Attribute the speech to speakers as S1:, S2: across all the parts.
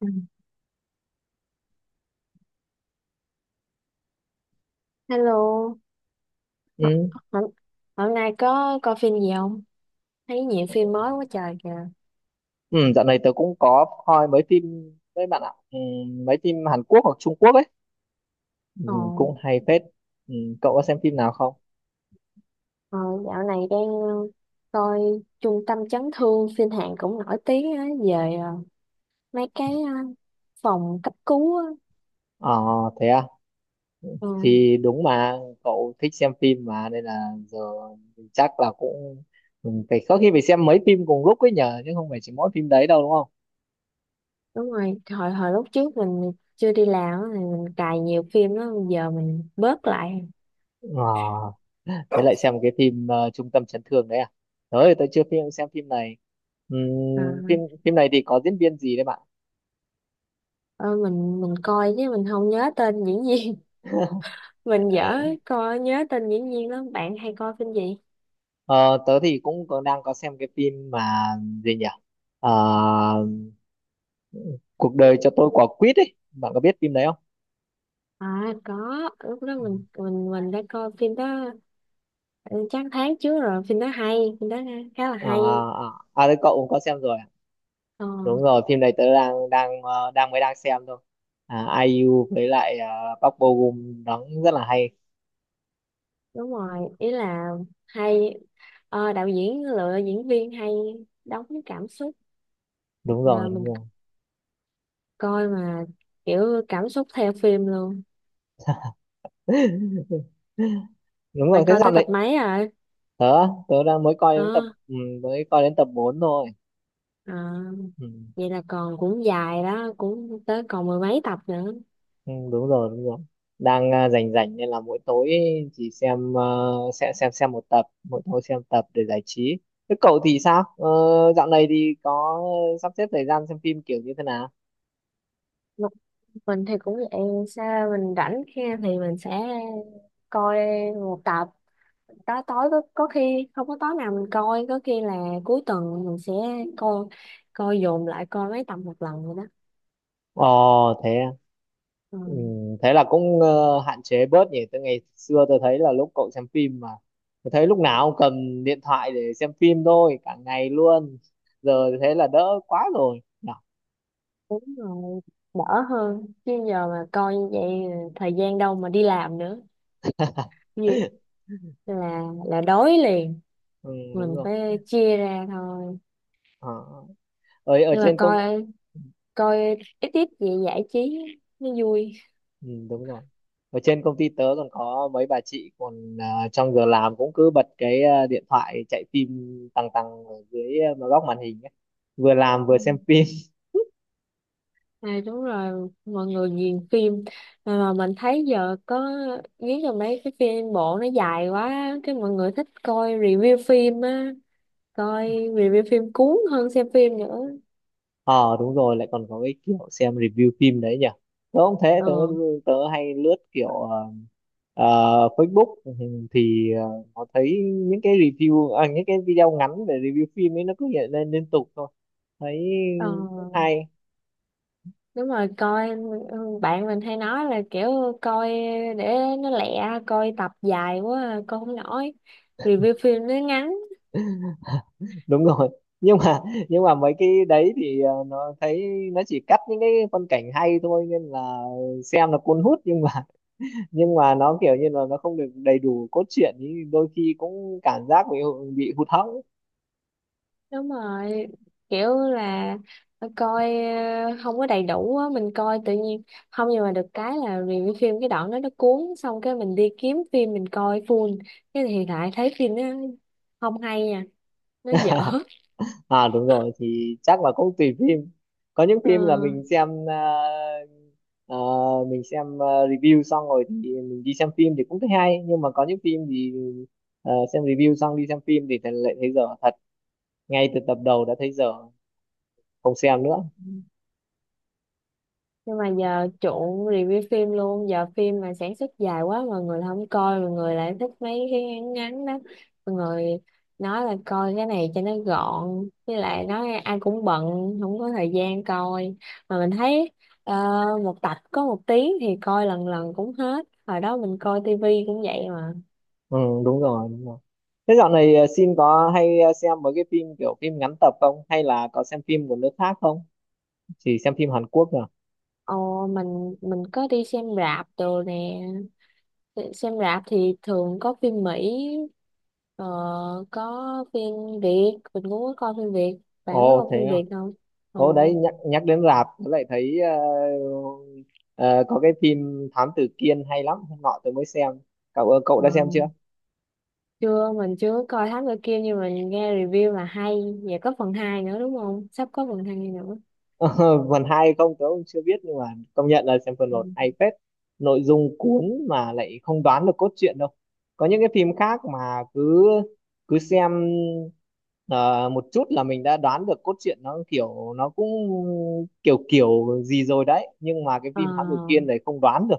S1: Ừ. Hello, H-
S2: Ừ.
S1: hôm, hôm nay có coi phim gì không? Thấy nhiều phim mới quá trời kìa.
S2: Ừ, dạo này tớ cũng có coi mấy phim với bạn ạ mấy phim Hàn Quốc hoặc Trung Quốc ấy, ừ,
S1: Ồ,
S2: cũng hay phết. ừ, Cậu có xem phim nào không?
S1: ờ, dạo này đang coi Trung tâm chấn thương, phim Hàn cũng nổi tiếng á, về mấy cái phòng cấp cứu á.
S2: ờ Thế à?
S1: Ờ,
S2: Thì đúng mà, cậu thích xem phim mà nên là giờ mình chắc là cũng phải có khi phải xem mấy phim cùng lúc ấy nhờ, chứ không phải chỉ mỗi phim đấy đâu, đúng không?
S1: đúng rồi, hồi hồi lúc trước mình chưa đi làm á, thì mình cài nhiều phim đó, bây giờ mình bớt lại.
S2: ờ Thế lại xem một cái phim Trung tâm chấn thương đấy à? Tới tớ chưa xem phim này.
S1: Ờ,
S2: Phim phim này thì có diễn viên gì đấy, bạn?
S1: ờ, mình coi chứ mình không nhớ tên diễn viên. Mình dở coi nhớ tên diễn viên lắm. Bạn hay coi phim gì?
S2: Ờ, Tớ thì cũng có, đang có xem cái phim mà gì nhỉ? Ờ, Cuộc đời cho tôi quả quýt ấy. Bạn có biết phim đấy không?
S1: À có, lúc đó mình đã coi phim đó, ừ, chắc tháng trước rồi, phim đó hay, phim đó khá là
S2: À,
S1: hay.
S2: à đấy, cậu cũng có xem rồi, à?
S1: Ờ,
S2: Đúng rồi, phim này tớ đang đang ờ, đang mới đang xem thôi. À, ai IU với lại Park Bo Gum đóng rất là hay.
S1: đúng rồi, ý là hay, đạo diễn lựa diễn viên hay đóng với cảm xúc.
S2: Đúng rồi,
S1: À,
S2: đúng
S1: mình
S2: rồi.
S1: coi mà kiểu cảm xúc theo phim luôn.
S2: Đúng rồi,
S1: Bạn
S2: thế
S1: coi
S2: sao
S1: tới tập
S2: đấy?
S1: mấy rồi?
S2: Tớ tớ đang mới coi
S1: Ờ,
S2: đến tập 4 thôi.
S1: à,
S2: Ừ.
S1: vậy là còn cũng dài đó, cũng tới còn mười mấy tập nữa.
S2: Ừ, đúng rồi, đúng rồi, rảnh rảnh nên là mỗi tối chỉ xem một tập mỗi tối, xem tập để giải trí. Thế cậu thì sao? Ờ, Dạo này thì có sắp xếp thời gian xem phim kiểu như thế nào?
S1: Một mình thì cũng vậy, sao mình rảnh khi thì mình sẽ coi một tập, tối tối có khi không có tối nào mình coi, có khi là cuối tuần mình sẽ coi coi dồn lại coi mấy tập một lần rồi đó.
S2: ờ Thế à?
S1: Ừ,
S2: Ừ, thế là cũng hạn chế bớt nhỉ. Từ ngày xưa tôi thấy là lúc cậu xem phim mà tôi thấy lúc nào cũng cầm điện thoại để xem phim thôi, cả ngày luôn. Giờ thì thế là đỡ quá rồi nhỉ?
S1: đúng rồi, đỡ hơn chứ giờ mà coi như vậy thời gian đâu mà đi làm nữa. Vì- là đói liền,
S2: Ừ, đúng
S1: mình
S2: rồi.
S1: phải chia ra thôi.
S2: ờ. Ở ở
S1: Nhưng mà
S2: trên công.
S1: coi coi ít ít vậy giải trí nó vui.
S2: Ừ, đúng rồi. Ở trên công ty tớ còn có mấy bà chị còn trong giờ làm cũng cứ bật cái điện thoại chạy phim tăng tăng ở dưới góc màn hình ấy. Vừa làm
S1: Ừ.
S2: vừa xem phim.
S1: À, đúng rồi, mọi người ghiền phim, mà mình thấy giờ có, nghĩ là mấy cái phim bộ nó dài quá cái mọi người thích coi review phim á, coi review phim cuốn hơn xem phim nữa.
S2: Ờ Đúng rồi, lại còn có cái kiểu xem review phim đấy nhỉ. Tớ không thế,
S1: ờ
S2: tớ tớ hay lướt kiểu à, Facebook, thì nó thấy những cái review, những cái video ngắn về review phim ấy nó cứ hiện lên liên tục thôi. Thấy
S1: ờ
S2: cũng hay.
S1: đúng rồi, coi, ừ, bạn mình hay nói là kiểu coi để nó lẹ, coi tập dài quá à, coi không nổi, review phim nó ngắn.
S2: Đúng rồi, nhưng mà nhưng mà mấy cái đấy thì nó thấy nó chỉ cắt những cái phân cảnh hay thôi nên là xem là cuốn hút, nhưng mà nó kiểu như là nó không được đầy đủ cốt truyện thì đôi khi cũng cảm giác bị hụt hẫng.
S1: Đúng rồi, kiểu là coi không có đầy đủ á, mình coi tự nhiên không, nhưng mà được cái là review phim cái đoạn đó nó cuốn, xong cái mình đi kiếm phim mình coi full, cái thì lại thấy phim nó không hay nha, nó dở.
S2: À, đúng rồi thì chắc là cũng tùy phim. Có những
S1: Ờ.
S2: phim là mình xem review xong rồi thì mình đi xem phim thì cũng thấy hay, nhưng mà có những phim thì xem review xong đi xem phim thì lại thấy dở thật, ngay từ tập đầu đã thấy dở, không xem nữa.
S1: Nhưng mà giờ chuộng review phim luôn, giờ phim mà sản xuất dài quá mọi người không coi, mọi người lại thích mấy cái ngắn ngắn đó, mọi người nói là coi cái này cho nó gọn, với lại nói ai cũng bận, không có thời gian coi, mà mình thấy ờ, một tập có 1 tiếng thì coi lần lần cũng hết, hồi đó mình coi tivi cũng vậy mà.
S2: Ừ, đúng rồi, đúng rồi. Thế dạo này Sim có hay xem mấy cái phim kiểu phim ngắn tập không, hay là có xem phim của nước khác không, chỉ xem phim Hàn Quốc à?
S1: Ồ, mình có đi xem rạp đồ nè, xem rạp thì thường có phim Mỹ, ờ, có phim Việt, mình cũng có coi phim Việt, bạn có
S2: Ồ,
S1: coi
S2: thế
S1: phim
S2: à?
S1: Việt không? ờ,
S2: Ồ, đấy, nhắc nhắc đến rạp tớ lại thấy ờ, có cái phim Thám Tử Kiên hay lắm. Hôm nọ tớ mới xem. Cậu cậu
S1: ờ,
S2: đã xem chưa?
S1: chưa mình chưa có coi Thám Tử Kiên, nhưng mà mình nghe review là hay, và có phần 2 nữa đúng không, sắp có phần 2 nữa.
S2: Ờ, phần hai không tớ cũng chưa biết, nhưng mà công nhận là xem phần
S1: Ừ.
S2: một hay phết. Nội dung cuốn mà lại không đoán được cốt truyện đâu. Có những cái phim khác mà cứ cứ xem ờ, một chút là mình đã đoán được cốt truyện, nó kiểu nó cũng kiểu kiểu gì rồi đấy, nhưng mà cái
S1: ờ
S2: phim Thám Tử Kiên này không đoán được.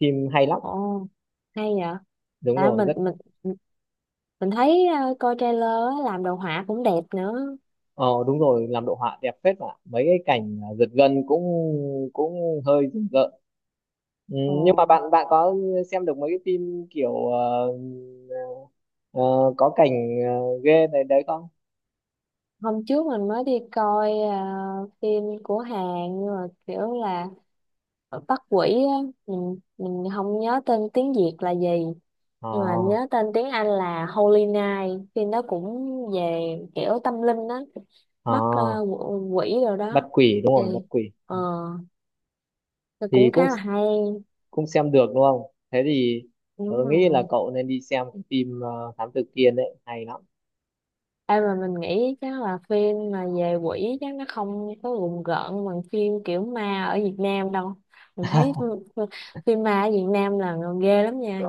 S2: Phim hay lắm,
S1: ồ hay vậy,
S2: đúng
S1: tại
S2: rồi,
S1: mình
S2: rất.
S1: mình mình thấy coi trailer á, làm đồ họa cũng đẹp nữa.
S2: Ờ Đúng rồi, làm đồ họa đẹp phết mà. Mấy cái cảnh giật gân cũng cũng hơi rùng rợn. Ừ,
S1: Ồ,
S2: nhưng mà bạn bạn có xem được mấy cái phim kiểu ờ, có cảnh ghê đấy đấy không?
S1: hôm trước mình mới đi coi phim của Hàn, nhưng mà kiểu là ở Bắc Quỷ á, mình không nhớ tên tiếng Việt là gì,
S2: Ờ,
S1: nhưng mà nhớ tên tiếng Anh là Holy Night, phim đó cũng về kiểu tâm linh đó,
S2: ờ,
S1: bắt quỷ rồi
S2: bắt
S1: đó,
S2: quỷ đúng
S1: thì,
S2: rồi, bắt quỷ.
S1: ờ
S2: Ừ,
S1: thì
S2: thì
S1: cũng
S2: cũng
S1: khá là hay.
S2: cũng xem được đúng không? Thế thì tôi
S1: Đúng
S2: nghĩ là
S1: rồi,
S2: cậu nên đi xem cái phim Thám Tử Kiên đấy, hay lắm.
S1: mà mình nghĩ chắc là phim mà về quỷ chắc nó không có rùng rợn bằng phim kiểu ma ở Việt Nam đâu, mình thấy phim phim ma ở Việt Nam là ghê lắm nha.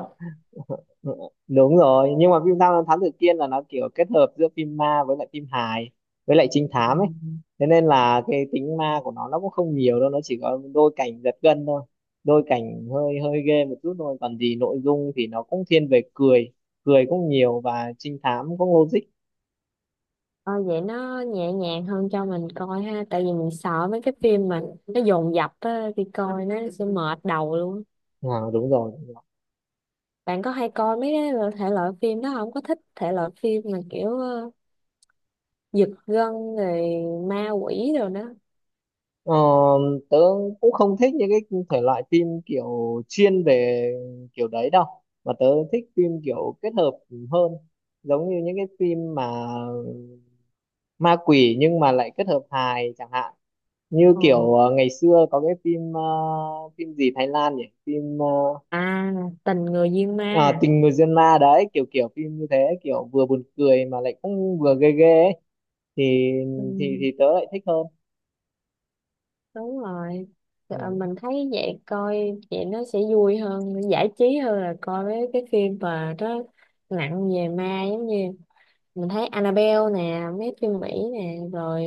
S2: Ừ, đúng rồi, nhưng mà phim Tham Lam Thám Tử Kiên là nó kiểu kết hợp giữa phim ma với lại phim hài với lại trinh thám ấy. Thế nên là cái tính ma của nó cũng không nhiều đâu, nó chỉ có đôi cảnh giật gân thôi, đôi cảnh hơi hơi ghê một chút thôi. Còn gì nội dung thì nó cũng thiên về cười, cười cũng nhiều, và trinh thám cũng logic.
S1: Ờ, vậy nó nhẹ nhàng hơn cho mình coi ha, tại vì mình sợ mấy cái phim mà nó dồn dập á, đi coi nó sẽ mệt đầu luôn.
S2: À, đúng rồi.
S1: Bạn có hay coi mấy cái thể loại phim đó không, có thích thể loại phim mà kiểu giật gân rồi ma quỷ rồi đó.
S2: Ờ, Tớ cũng không thích những cái thể loại phim kiểu chuyên về kiểu đấy đâu, mà tớ thích phim kiểu kết hợp hơn, giống như những cái phim mà ma quỷ nhưng mà lại kết hợp hài chẳng hạn. Như
S1: Ờ.
S2: kiểu ngày xưa có cái phim phim gì Thái Lan nhỉ, phim
S1: À, tình người duyên ma,
S2: tình người duyên ma đấy, kiểu kiểu phim như thế, kiểu vừa buồn cười mà lại cũng vừa ghê ghê ấy. thì
S1: ừ,
S2: thì tớ lại thích hơn.
S1: đúng rồi. Ờ,
S2: Ừ.
S1: mình thấy vậy, coi vậy nó sẽ vui hơn giải trí hơn là coi mấy cái phim mà nó nặng về ma, giống như mình thấy Annabelle nè, mấy phim Mỹ nè rồi,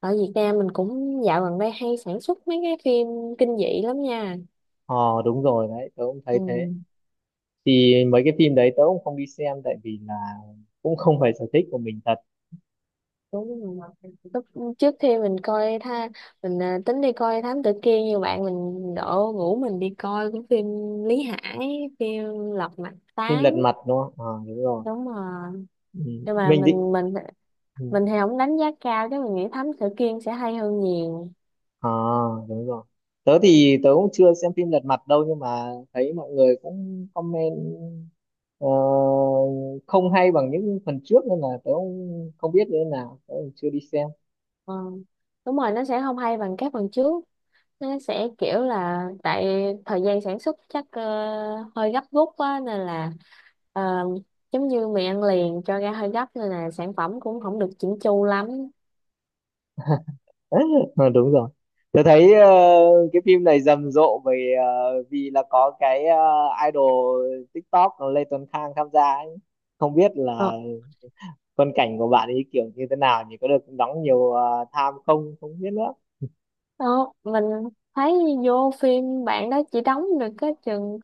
S1: ở Việt Nam mình cũng dạo gần đây hay sản xuất mấy cái phim kinh dị lắm nha.
S2: ờ Đúng rồi đấy, tớ cũng thấy thế.
S1: Ừ,
S2: Thì mấy cái phim đấy tớ cũng không đi xem, tại vì là cũng không phải sở thích của mình thật.
S1: đúng rồi. Lúc trước khi mình coi mình, tính đi coi Thám Tử Kiên như bạn mình đổ ngủ, mình đi coi cái phim Lý Hải, phim Lật Mặt
S2: Phim
S1: Tám
S2: lật mặt đúng không? Ờ, đúng rồi.
S1: Đúng rồi,
S2: Ừ.
S1: nhưng mà
S2: Mình định.
S1: mình mình
S2: Ừ.
S1: mình thì không đánh giá cao, chứ mình nghĩ Thám Tử Kiên sẽ hay hơn nhiều.
S2: À, đúng rồi, tớ thì tớ cũng chưa xem phim lật mặt đâu, nhưng mà thấy mọi người cũng comment ờ, không hay bằng những phần trước nên là tớ cũng không biết như thế nào, tớ cũng chưa đi xem.
S1: Ờ, đúng rồi, nó sẽ không hay bằng các phần trước, nó sẽ kiểu là tại thời gian sản xuất chắc hơi gấp rút quá, nên là ờ, giống như mì ăn liền cho ra hơi gấp, nên là sản phẩm cũng không được chỉnh chu lắm.
S2: Ờ, đúng rồi. Tôi thấy cái phim này rầm rộ vì là có cái idol TikTok Lê Tuấn Khang tham gia ấy. Không biết
S1: Ờ,
S2: là phân cảnh của bạn ấy kiểu như thế nào nhỉ, có được đóng nhiều tham không, không biết nữa.
S1: đó, mình thấy vô phim bạn đó chỉ đóng được cái chừng,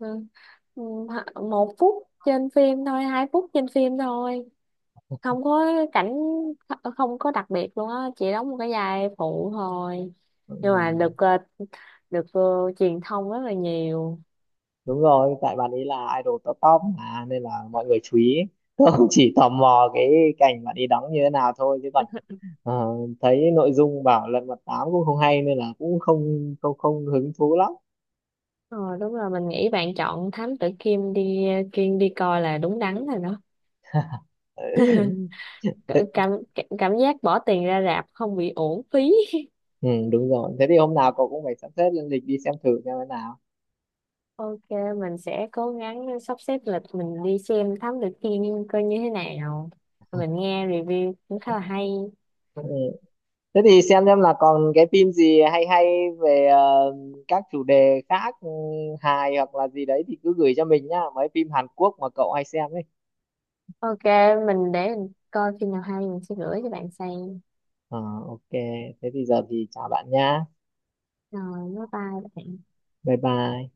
S1: ừ, 1 phút trên phim thôi, 2 phút trên phim thôi, không có cảnh, không có đặc biệt luôn á, chỉ đóng một cái vai phụ thôi,
S2: Ừ.
S1: nhưng mà được truyền thông rất là nhiều.
S2: Đúng rồi, tại bạn ấy là idol top top mà nên là mọi người chú ý. Tôi cũng chỉ tò mò cái cảnh bạn ấy đóng như thế nào thôi, chứ còn ờ, thấy nội dung bảo Lật Mặt Tám cũng không hay nên là cũng không không không hứng thú lắm.
S1: Ờ, đúng rồi, mình nghĩ bạn chọn Thám Tử Kiên đi, Kiên đi coi là đúng đắn rồi đó. Cả- cảm cảm giác bỏ tiền ra rạp không bị uổng phí.
S2: Ừ, đúng rồi, thế thì hôm nào cậu cũng phải sắp xếp lên lịch đi xem thử xem thế nào.
S1: Ok, mình sẽ cố gắng sắp xếp lịch mình đi xem Thám Tử Kiên coi như thế nào, mình nghe review cũng khá là hay.
S2: Ừ. Thế thì xem là còn cái phim gì hay hay về các chủ đề khác, hài hoặc là gì đấy thì cứ gửi cho mình nhá, mấy phim Hàn Quốc mà cậu hay xem ấy.
S1: Ok, mình để mình coi phim nào hay mình sẽ gửi cho bạn xem.
S2: Ờ, ok, thế thì giờ thì chào bạn nhá.
S1: Rồi bye bye bạn.
S2: Bye bye.